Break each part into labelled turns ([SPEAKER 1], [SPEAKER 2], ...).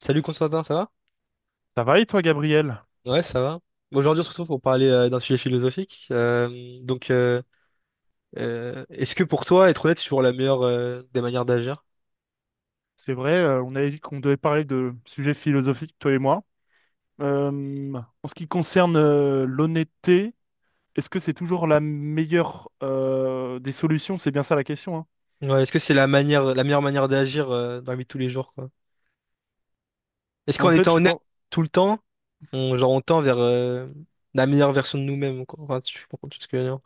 [SPEAKER 1] Salut Constantin, ça va?
[SPEAKER 2] Ça va et toi, Gabriel?
[SPEAKER 1] Ouais, ça va. Aujourd'hui, on se retrouve pour parler d'un sujet philosophique. Est-ce que pour toi, être honnête, c'est toujours la meilleure des manières d'agir?
[SPEAKER 2] C'est vrai, on avait dit qu'on devait parler de sujets philosophiques, toi et moi. En ce qui concerne l'honnêteté, est-ce que c'est toujours la meilleure des solutions? C'est bien ça la question, hein.
[SPEAKER 1] Ouais, est-ce que c'est la manière, la meilleure manière d'agir dans la vie de tous les jours, quoi? Est-ce
[SPEAKER 2] En
[SPEAKER 1] qu'en
[SPEAKER 2] fait,
[SPEAKER 1] étant
[SPEAKER 2] je
[SPEAKER 1] honnête
[SPEAKER 2] pense...
[SPEAKER 1] tout le temps, on, genre, on tend vers la meilleure version de nous-mêmes, quoi? Enfin, tu comprends tout ce que je veux dire.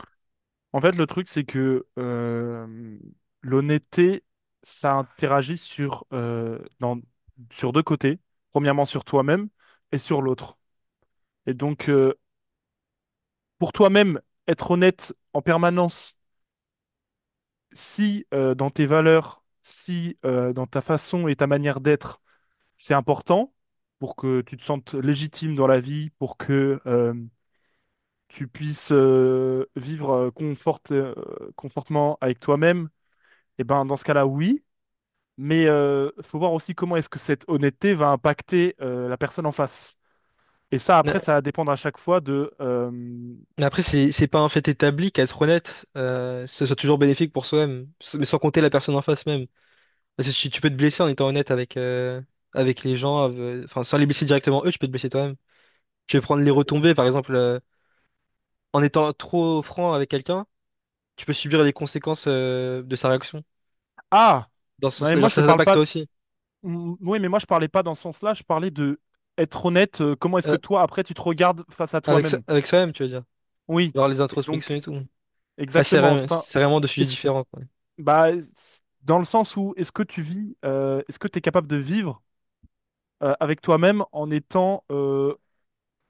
[SPEAKER 2] En fait, le truc, c'est que l'honnêteté, ça interagit sur sur deux côtés. Premièrement, sur toi-même et sur l'autre. Et donc, pour toi-même, être honnête en permanence si dans tes valeurs, si dans ta façon et ta manière d'être, c'est important pour que tu te sentes légitime dans la vie, pour que tu puisses vivre confortement avec toi-même, et ben dans ce cas-là, oui. Mais faut voir aussi comment est-ce que cette honnêteté va impacter la personne en face. Et ça, après,
[SPEAKER 1] Mais,
[SPEAKER 2] ça va dépendre à chaque fois de
[SPEAKER 1] mais après, c'est pas un fait établi qu'être honnête, ce soit toujours bénéfique pour soi-même, mais sans compter la personne en face même. Parce que tu peux te blesser en étant honnête avec, avec les gens, enfin, sans les blesser directement eux, tu peux te blesser toi-même. Tu peux prendre les retombées, par exemple, en étant trop franc avec quelqu'un, tu peux subir les conséquences, de sa réaction.
[SPEAKER 2] Ah!
[SPEAKER 1] Dans ce
[SPEAKER 2] Non, mais
[SPEAKER 1] sens,
[SPEAKER 2] moi,
[SPEAKER 1] genre,
[SPEAKER 2] je ne
[SPEAKER 1] ça
[SPEAKER 2] parle
[SPEAKER 1] t'impacte
[SPEAKER 2] pas.
[SPEAKER 1] toi aussi.
[SPEAKER 2] Mm. Oui, mais moi je parlais pas dans ce sens-là, je parlais de être honnête, comment est-ce que
[SPEAKER 1] Euh,
[SPEAKER 2] toi après tu te regardes face à
[SPEAKER 1] Avec,
[SPEAKER 2] toi-même?
[SPEAKER 1] avec soi-même, tu veux dire.
[SPEAKER 2] Oui.
[SPEAKER 1] Genre les
[SPEAKER 2] Et
[SPEAKER 1] introspections et
[SPEAKER 2] donc,
[SPEAKER 1] tout. Ah,
[SPEAKER 2] exactement.
[SPEAKER 1] c'est vraiment deux sujets
[SPEAKER 2] Est-ce-
[SPEAKER 1] différents, quoi.
[SPEAKER 2] Bah, dans le sens où est-ce que tu vis, est-ce que tu es capable de vivre avec toi-même en étant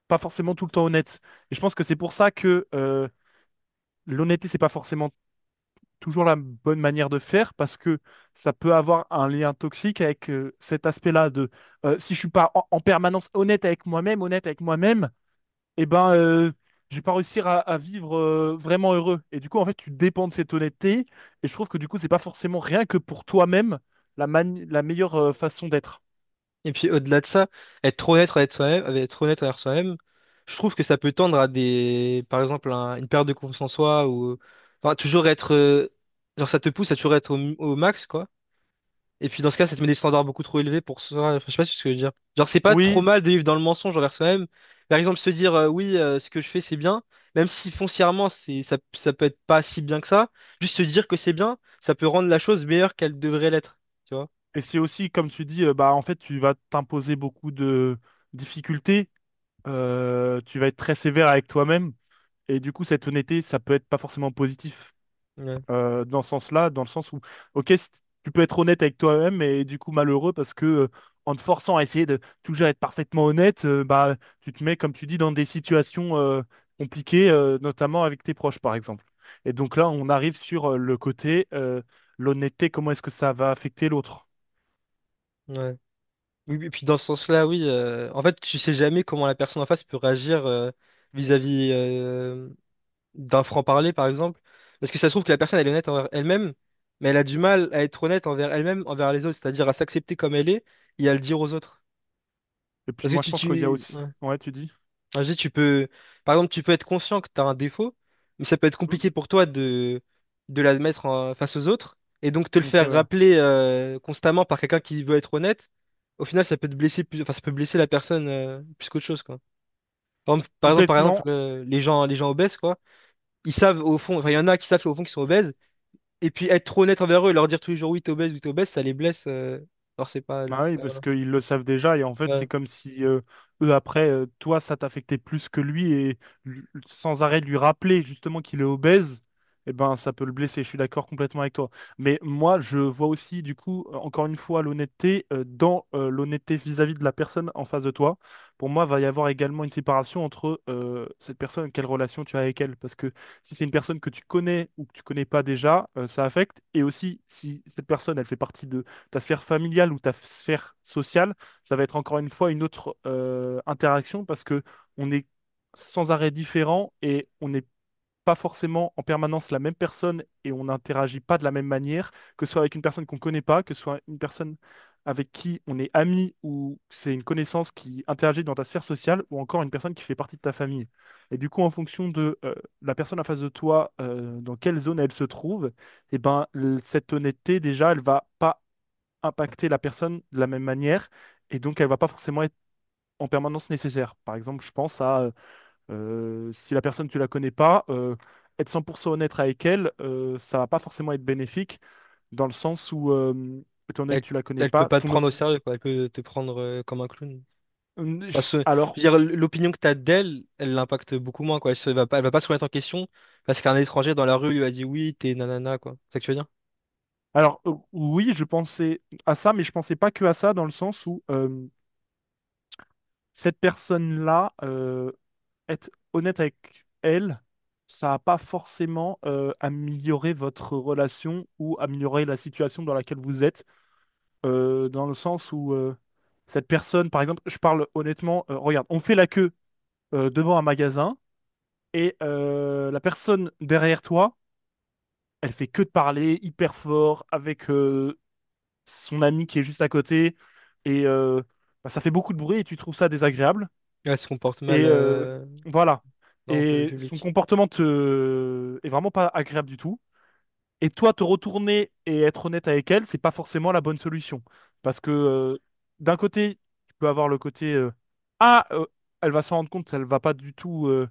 [SPEAKER 2] pas forcément tout le temps honnête? Et je pense que c'est pour ça que l'honnêteté, c'est pas forcément toujours la bonne manière de faire, parce que ça peut avoir un lien toxique avec cet aspect-là de si je suis pas en permanence honnête avec moi-même eh ben, je vais pas réussir à vivre vraiment heureux. Et du coup, en fait, tu dépends de cette honnêteté. Et je trouve que du coup, c'est pas forcément rien que pour toi-même la meilleure façon d'être.
[SPEAKER 1] Et puis au-delà de ça, être trop honnête avec soi-même, être honnête envers soi-même, je trouve que ça peut tendre à des, par exemple, une perte de confiance en soi ou, enfin, toujours être, genre ça te pousse à toujours être au, au max, quoi. Et puis dans ce cas, ça te met des standards beaucoup trop élevés pour soi. Enfin, je sais pas si ce que je veux dire. Genre c'est pas
[SPEAKER 2] Oui,
[SPEAKER 1] trop mal de vivre dans le mensonge envers soi-même. Par exemple, se dire oui, ce que je fais c'est bien, même si foncièrement c'est ça, ça peut être pas si bien que ça. Juste se dire que c'est bien, ça peut rendre la chose meilleure qu'elle devrait l'être. Tu vois?
[SPEAKER 2] et c'est aussi, comme tu dis, bah, en fait, tu vas t'imposer beaucoup de difficultés. Tu vas être très sévère avec toi-même. Et du coup, cette honnêteté, ça peut être pas forcément positif.
[SPEAKER 1] Ouais.
[SPEAKER 2] Dans ce sens-là, dans le sens où, ok, tu peux être honnête avec toi-même et du coup malheureux parce que en te forçant à essayer de toujours être parfaitement honnête, bah, tu te mets, comme tu dis, dans des situations compliquées, notamment avec tes proches, par exemple. Et donc là, on arrive sur le côté, l'honnêteté, comment est-ce que ça va affecter l'autre?
[SPEAKER 1] Ouais. Oui, oui, puis dans ce sens-là, oui. En fait, tu sais jamais comment la personne en face peut réagir vis-à-vis d'un franc-parler, par exemple. Parce que ça se trouve que la personne, elle est honnête envers elle-même, mais elle a du mal à être honnête envers elle-même, envers les autres, c'est-à-dire à s'accepter comme elle est et à le dire aux autres.
[SPEAKER 2] Et puis
[SPEAKER 1] Parce que
[SPEAKER 2] moi, je
[SPEAKER 1] tu,
[SPEAKER 2] pense qu'il y a
[SPEAKER 1] tu...
[SPEAKER 2] aussi... Ouais, tu dis?
[SPEAKER 1] Ah, je dis, tu peux, par exemple, tu peux être conscient que tu as un défaut, mais ça peut être
[SPEAKER 2] Hmm.
[SPEAKER 1] compliqué pour toi de l'admettre face aux autres. Et donc, te le
[SPEAKER 2] Ok,
[SPEAKER 1] faire
[SPEAKER 2] voilà.
[SPEAKER 1] rappeler constamment par quelqu'un qui veut être honnête, au final, ça peut te blesser plus, enfin, ça peut blesser la personne plus qu'autre chose, quoi. Par exemple, par exemple, par exemple,
[SPEAKER 2] Complètement.
[SPEAKER 1] euh, les gens obèses, quoi, ils savent au fond, enfin, il y en a qui savent au fond qu'ils sont obèses, et puis être trop honnête envers eux et leur dire tous les jours oui, t'es obèse, ça les blesse. Alors, c'est pas.
[SPEAKER 2] Bah oui, parce qu'ils le savent déjà, et en fait, c'est
[SPEAKER 1] Ouais.
[SPEAKER 2] comme si eux, après, toi, ça t'affectait plus que lui, et sans arrêt lui rappeler justement qu'il est obèse, eh ben, ça peut le blesser. Je suis d'accord complètement avec toi. Mais moi, je vois aussi, du coup, encore une fois, l'honnêteté vis-à-vis de la personne en face de toi. Pour moi, va y avoir également une séparation entre cette personne, quelle relation tu as avec elle. Parce que si c'est une personne que tu connais ou que tu connais pas déjà, ça affecte. Et aussi, si cette personne, elle fait partie de ta sphère familiale ou ta sphère sociale, ça va être encore une fois une autre interaction parce que on est sans arrêt différent et on n'est pas forcément en permanence la même personne et on n'interagit pas de la même manière, que ce soit avec une personne qu'on ne connaît pas, que ce soit une personne avec qui on est ami ou c'est une connaissance qui interagit dans ta sphère sociale ou encore une personne qui fait partie de ta famille. Et du coup, en fonction de la personne en face de toi, dans quelle zone elle se trouve, eh ben, cette honnêteté, déjà, elle va pas impacter la personne de la même manière et donc elle va pas forcément être en permanence nécessaire. Par exemple, je pense à si la personne tu la connais pas, être 100% honnête avec elle, ça va pas forcément être bénéfique dans le sens où étant donné
[SPEAKER 1] Elle,
[SPEAKER 2] que tu la connais
[SPEAKER 1] elle peut
[SPEAKER 2] pas,
[SPEAKER 1] pas te
[SPEAKER 2] ton op-
[SPEAKER 1] prendre au sérieux, quoi. Elle peut te prendre comme un clown.
[SPEAKER 2] Je-
[SPEAKER 1] Parce que, je veux dire, l'opinion que tu as d'elle, elle l'impacte beaucoup moins, quoi. Va pas, elle va pas se remettre en question parce qu'un étranger dans la rue lui a dit oui, t'es nanana, quoi. C'est ça que tu veux dire?
[SPEAKER 2] alors oui, je pensais à ça, mais je pensais pas que à ça dans le sens où cette personne-là être honnête avec elle, ça n'a pas forcément amélioré votre relation ou amélioré la situation dans laquelle vous êtes, dans le sens où cette personne, par exemple, je parle honnêtement, regarde, on fait la queue devant un magasin et la personne derrière toi, elle fait que de parler hyper fort avec son ami qui est juste à côté et bah, ça fait beaucoup de bruit et tu trouves ça désagréable.
[SPEAKER 1] Elle se comporte mal
[SPEAKER 2] Et voilà.
[SPEAKER 1] dans le
[SPEAKER 2] Et son
[SPEAKER 1] public.
[SPEAKER 2] comportement est vraiment pas agréable du tout. Et toi, te retourner et être honnête avec elle, c'est pas forcément la bonne solution. Parce que d'un côté, tu peux avoir le côté Ah, euh, elle va s'en rendre compte, elle va pas du tout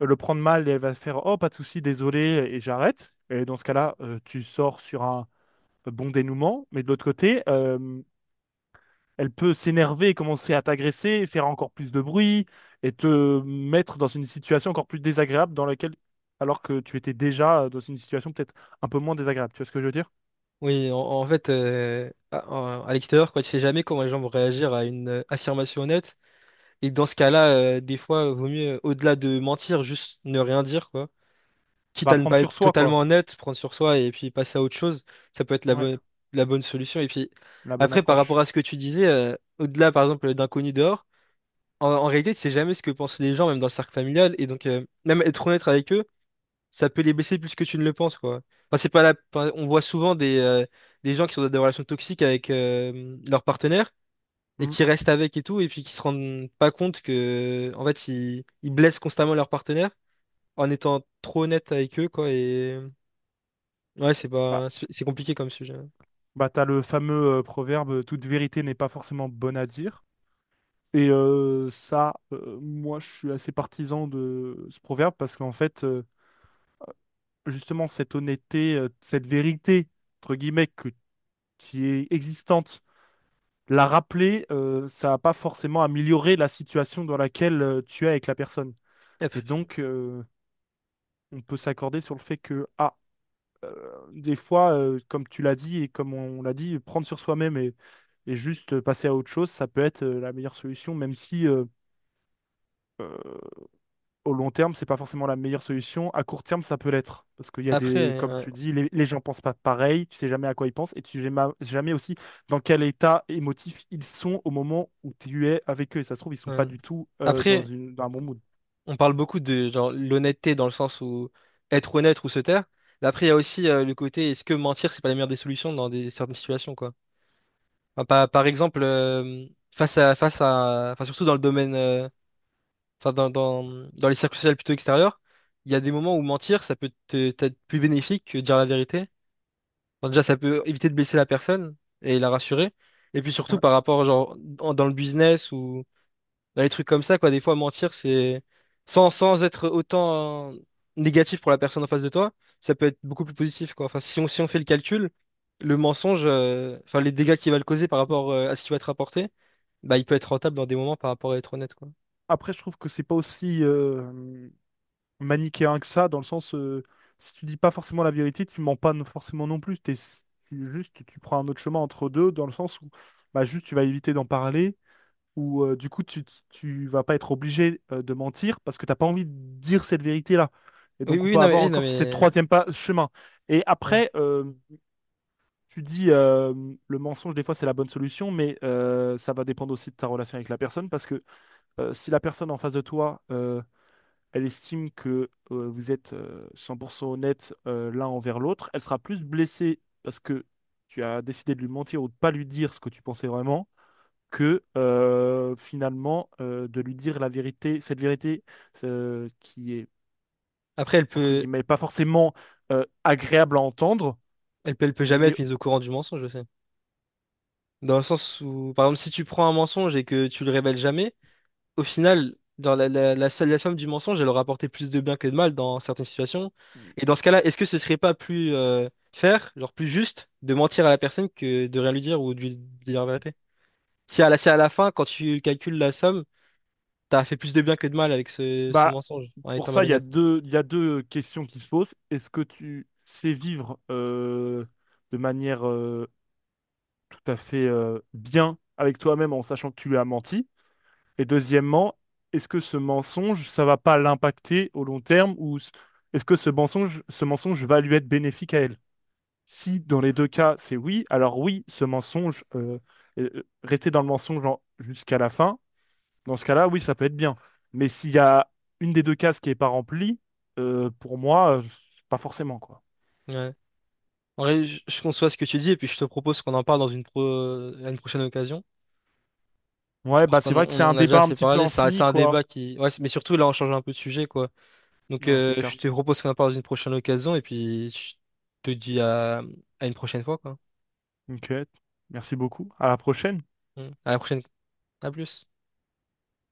[SPEAKER 2] le prendre mal et elle va faire Oh, pas de souci, désolé, et j'arrête. Et dans ce cas-là, tu sors sur un bon dénouement. Mais de l'autre côté, elle peut s'énerver, commencer à t'agresser, faire encore plus de bruit et te mettre dans une situation encore plus désagréable dans laquelle, alors que tu étais déjà dans une situation peut-être un peu moins désagréable. Tu vois ce que je veux dire?
[SPEAKER 1] Oui, en, en fait, à l'extérieur, quoi, tu sais jamais comment les gens vont réagir à une affirmation honnête. Et dans ce cas-là, des fois, vaut mieux, au-delà de mentir, juste ne rien dire, quoi. Quitte
[SPEAKER 2] Bah,
[SPEAKER 1] à ne
[SPEAKER 2] prendre
[SPEAKER 1] pas
[SPEAKER 2] sur
[SPEAKER 1] être
[SPEAKER 2] soi,
[SPEAKER 1] totalement
[SPEAKER 2] quoi.
[SPEAKER 1] honnête, prendre sur soi et puis passer à autre chose, ça peut être
[SPEAKER 2] Ouais,
[SPEAKER 1] la bonne solution. Et puis,
[SPEAKER 2] la bonne
[SPEAKER 1] après, par rapport
[SPEAKER 2] approche.
[SPEAKER 1] à ce que tu disais, au-delà, par exemple, d'inconnus dehors, en, en réalité, tu sais jamais ce que pensent les gens, même dans le cercle familial. Et donc, même être honnête avec eux, ça peut les blesser plus que tu ne le penses, quoi. Enfin, c'est pas la... enfin, on voit souvent des gens qui sont dans des relations toxiques avec leur partenaire et
[SPEAKER 2] Hmm.
[SPEAKER 1] qui restent avec et tout, et puis qui se rendent pas compte que, en fait, ils blessent constamment leur partenaire en étant trop honnête avec eux, quoi. Et ouais, c'est
[SPEAKER 2] Bah,
[SPEAKER 1] pas, c'est compliqué comme sujet.
[SPEAKER 2] t'as le fameux proverbe, toute vérité n'est pas forcément bonne à dire. Et ça, moi, je suis assez partisan de ce proverbe parce qu'en fait, justement, cette honnêteté, cette vérité, entre guillemets, qui est existante la rappeler, ça n'a pas forcément amélioré la situation dans laquelle tu es avec la personne. Et
[SPEAKER 1] Après,
[SPEAKER 2] donc, on peut s'accorder sur le fait que, euh, des fois, comme tu l'as dit et comme on l'a dit, prendre sur soi-même et juste passer à autre chose, ça peut être la meilleure solution, même si au long terme, c'est pas forcément la meilleure solution. À court terme, ça peut l'être. Parce qu'il y a
[SPEAKER 1] après,
[SPEAKER 2] comme
[SPEAKER 1] euh,
[SPEAKER 2] tu dis, les gens pensent pas pareil, tu sais jamais à quoi ils pensent et tu sais jamais aussi dans quel état émotif ils sont au moment où tu es avec eux. Et ça se trouve, ils sont pas
[SPEAKER 1] euh,
[SPEAKER 2] du tout dans
[SPEAKER 1] après,
[SPEAKER 2] un bon mood.
[SPEAKER 1] on parle beaucoup de genre l'honnêteté dans le sens où être honnête ou se taire. Mais après, il y a aussi le côté est-ce que mentir, c'est pas la meilleure des solutions dans des certaines situations, quoi. Enfin, par, par exemple, face à, enfin surtout dans le domaine enfin dans, dans, dans les cercles sociaux plutôt extérieurs, il y a des moments où mentir, ça peut t'être plus bénéfique que dire la vérité. Enfin, déjà, ça peut éviter de blesser la personne et la rassurer. Et puis surtout
[SPEAKER 2] Ouais.
[SPEAKER 1] par rapport, genre, dans le business ou dans les trucs comme ça, quoi, des fois, mentir, c'est sans, sans être autant négatif pour la personne en face de toi, ça peut être beaucoup plus positif, quoi. Enfin, si on, si on fait le calcul, le mensonge, enfin, les dégâts qu'il va le causer par rapport à ce qui va être rapporté bah, il peut être rentable dans des moments par rapport à être honnête, quoi.
[SPEAKER 2] Après, je trouve que c'est pas aussi manichéen que ça, dans le sens, si tu dis pas forcément la vérité, tu mens pas forcément non plus. Juste, tu prends un autre chemin entre deux, dans le sens où bah, juste, tu vas éviter d'en parler où du coup tu vas pas être obligé de mentir parce que t'as pas envie de dire cette vérité-là. Et
[SPEAKER 1] Oui,
[SPEAKER 2] donc on peut avoir
[SPEAKER 1] oui, non,
[SPEAKER 2] encore cette
[SPEAKER 1] mais...
[SPEAKER 2] troisième pas, chemin. Et après, tu dis le mensonge, des fois c'est la bonne solution, mais ça va dépendre aussi de ta relation avec la personne parce que si la personne en face de toi, elle estime que vous êtes 100% honnête l'un envers l'autre, elle sera plus blessée parce que tu as décidé de lui mentir ou de pas lui dire ce que tu pensais vraiment que finalement de lui dire la vérité, cette vérité qui est
[SPEAKER 1] Après,
[SPEAKER 2] entre guillemets pas forcément agréable à entendre,
[SPEAKER 1] elle peut jamais
[SPEAKER 2] mais
[SPEAKER 1] être mise au courant du mensonge, je sais. Dans le sens où, par exemple, si tu prends un mensonge et que tu le révèles jamais, au final, dans la somme du mensonge, elle aura apporté plus de bien que de mal dans certaines situations. Et dans ce cas-là, est-ce que ce serait pas plus faire, genre plus juste, de mentir à la personne que de rien lui dire ou de lui dire la vérité? Si à la fin, quand tu calcules la somme, t'as fait plus de bien que de mal avec ce
[SPEAKER 2] bah
[SPEAKER 1] mensonge, en
[SPEAKER 2] pour
[SPEAKER 1] étant
[SPEAKER 2] ça
[SPEAKER 1] malhonnête.
[SPEAKER 2] il y a deux questions qui se posent. Est-ce que tu sais vivre de manière tout à fait bien avec toi-même en sachant que tu lui as menti? Et deuxièmement, est-ce que ce mensonge ça va pas l'impacter au long terme ou est-ce que ce mensonge va lui être bénéfique à elle? Si dans les deux cas, c'est oui, alors oui, ce mensonge, rester dans le mensonge jusqu'à la fin, dans ce cas-là, oui, ça peut être bien. Mais s'il y a une des deux cases qui n'est pas remplie, pour moi, pas forcément, quoi.
[SPEAKER 1] Ouais. En vrai, je conçois ce que tu dis et puis je te propose qu'on en parle dans à une prochaine occasion. Je
[SPEAKER 2] Ouais,
[SPEAKER 1] pense
[SPEAKER 2] bah c'est
[SPEAKER 1] qu'on en
[SPEAKER 2] vrai que
[SPEAKER 1] on
[SPEAKER 2] c'est un
[SPEAKER 1] en a déjà
[SPEAKER 2] débat un
[SPEAKER 1] assez
[SPEAKER 2] petit peu
[SPEAKER 1] parlé. C'est
[SPEAKER 2] infini,
[SPEAKER 1] un
[SPEAKER 2] quoi.
[SPEAKER 1] débat qui. Ouais, c'est- mais surtout, là, on change un peu de sujet, quoi. Donc,
[SPEAKER 2] Ouais, c'est clair.
[SPEAKER 1] je te propose qu'on en parle dans une prochaine occasion et puis je te dis à une prochaine fois, quoi.
[SPEAKER 2] Ok, merci beaucoup. À la prochaine.
[SPEAKER 1] Mm. À la prochaine. À plus.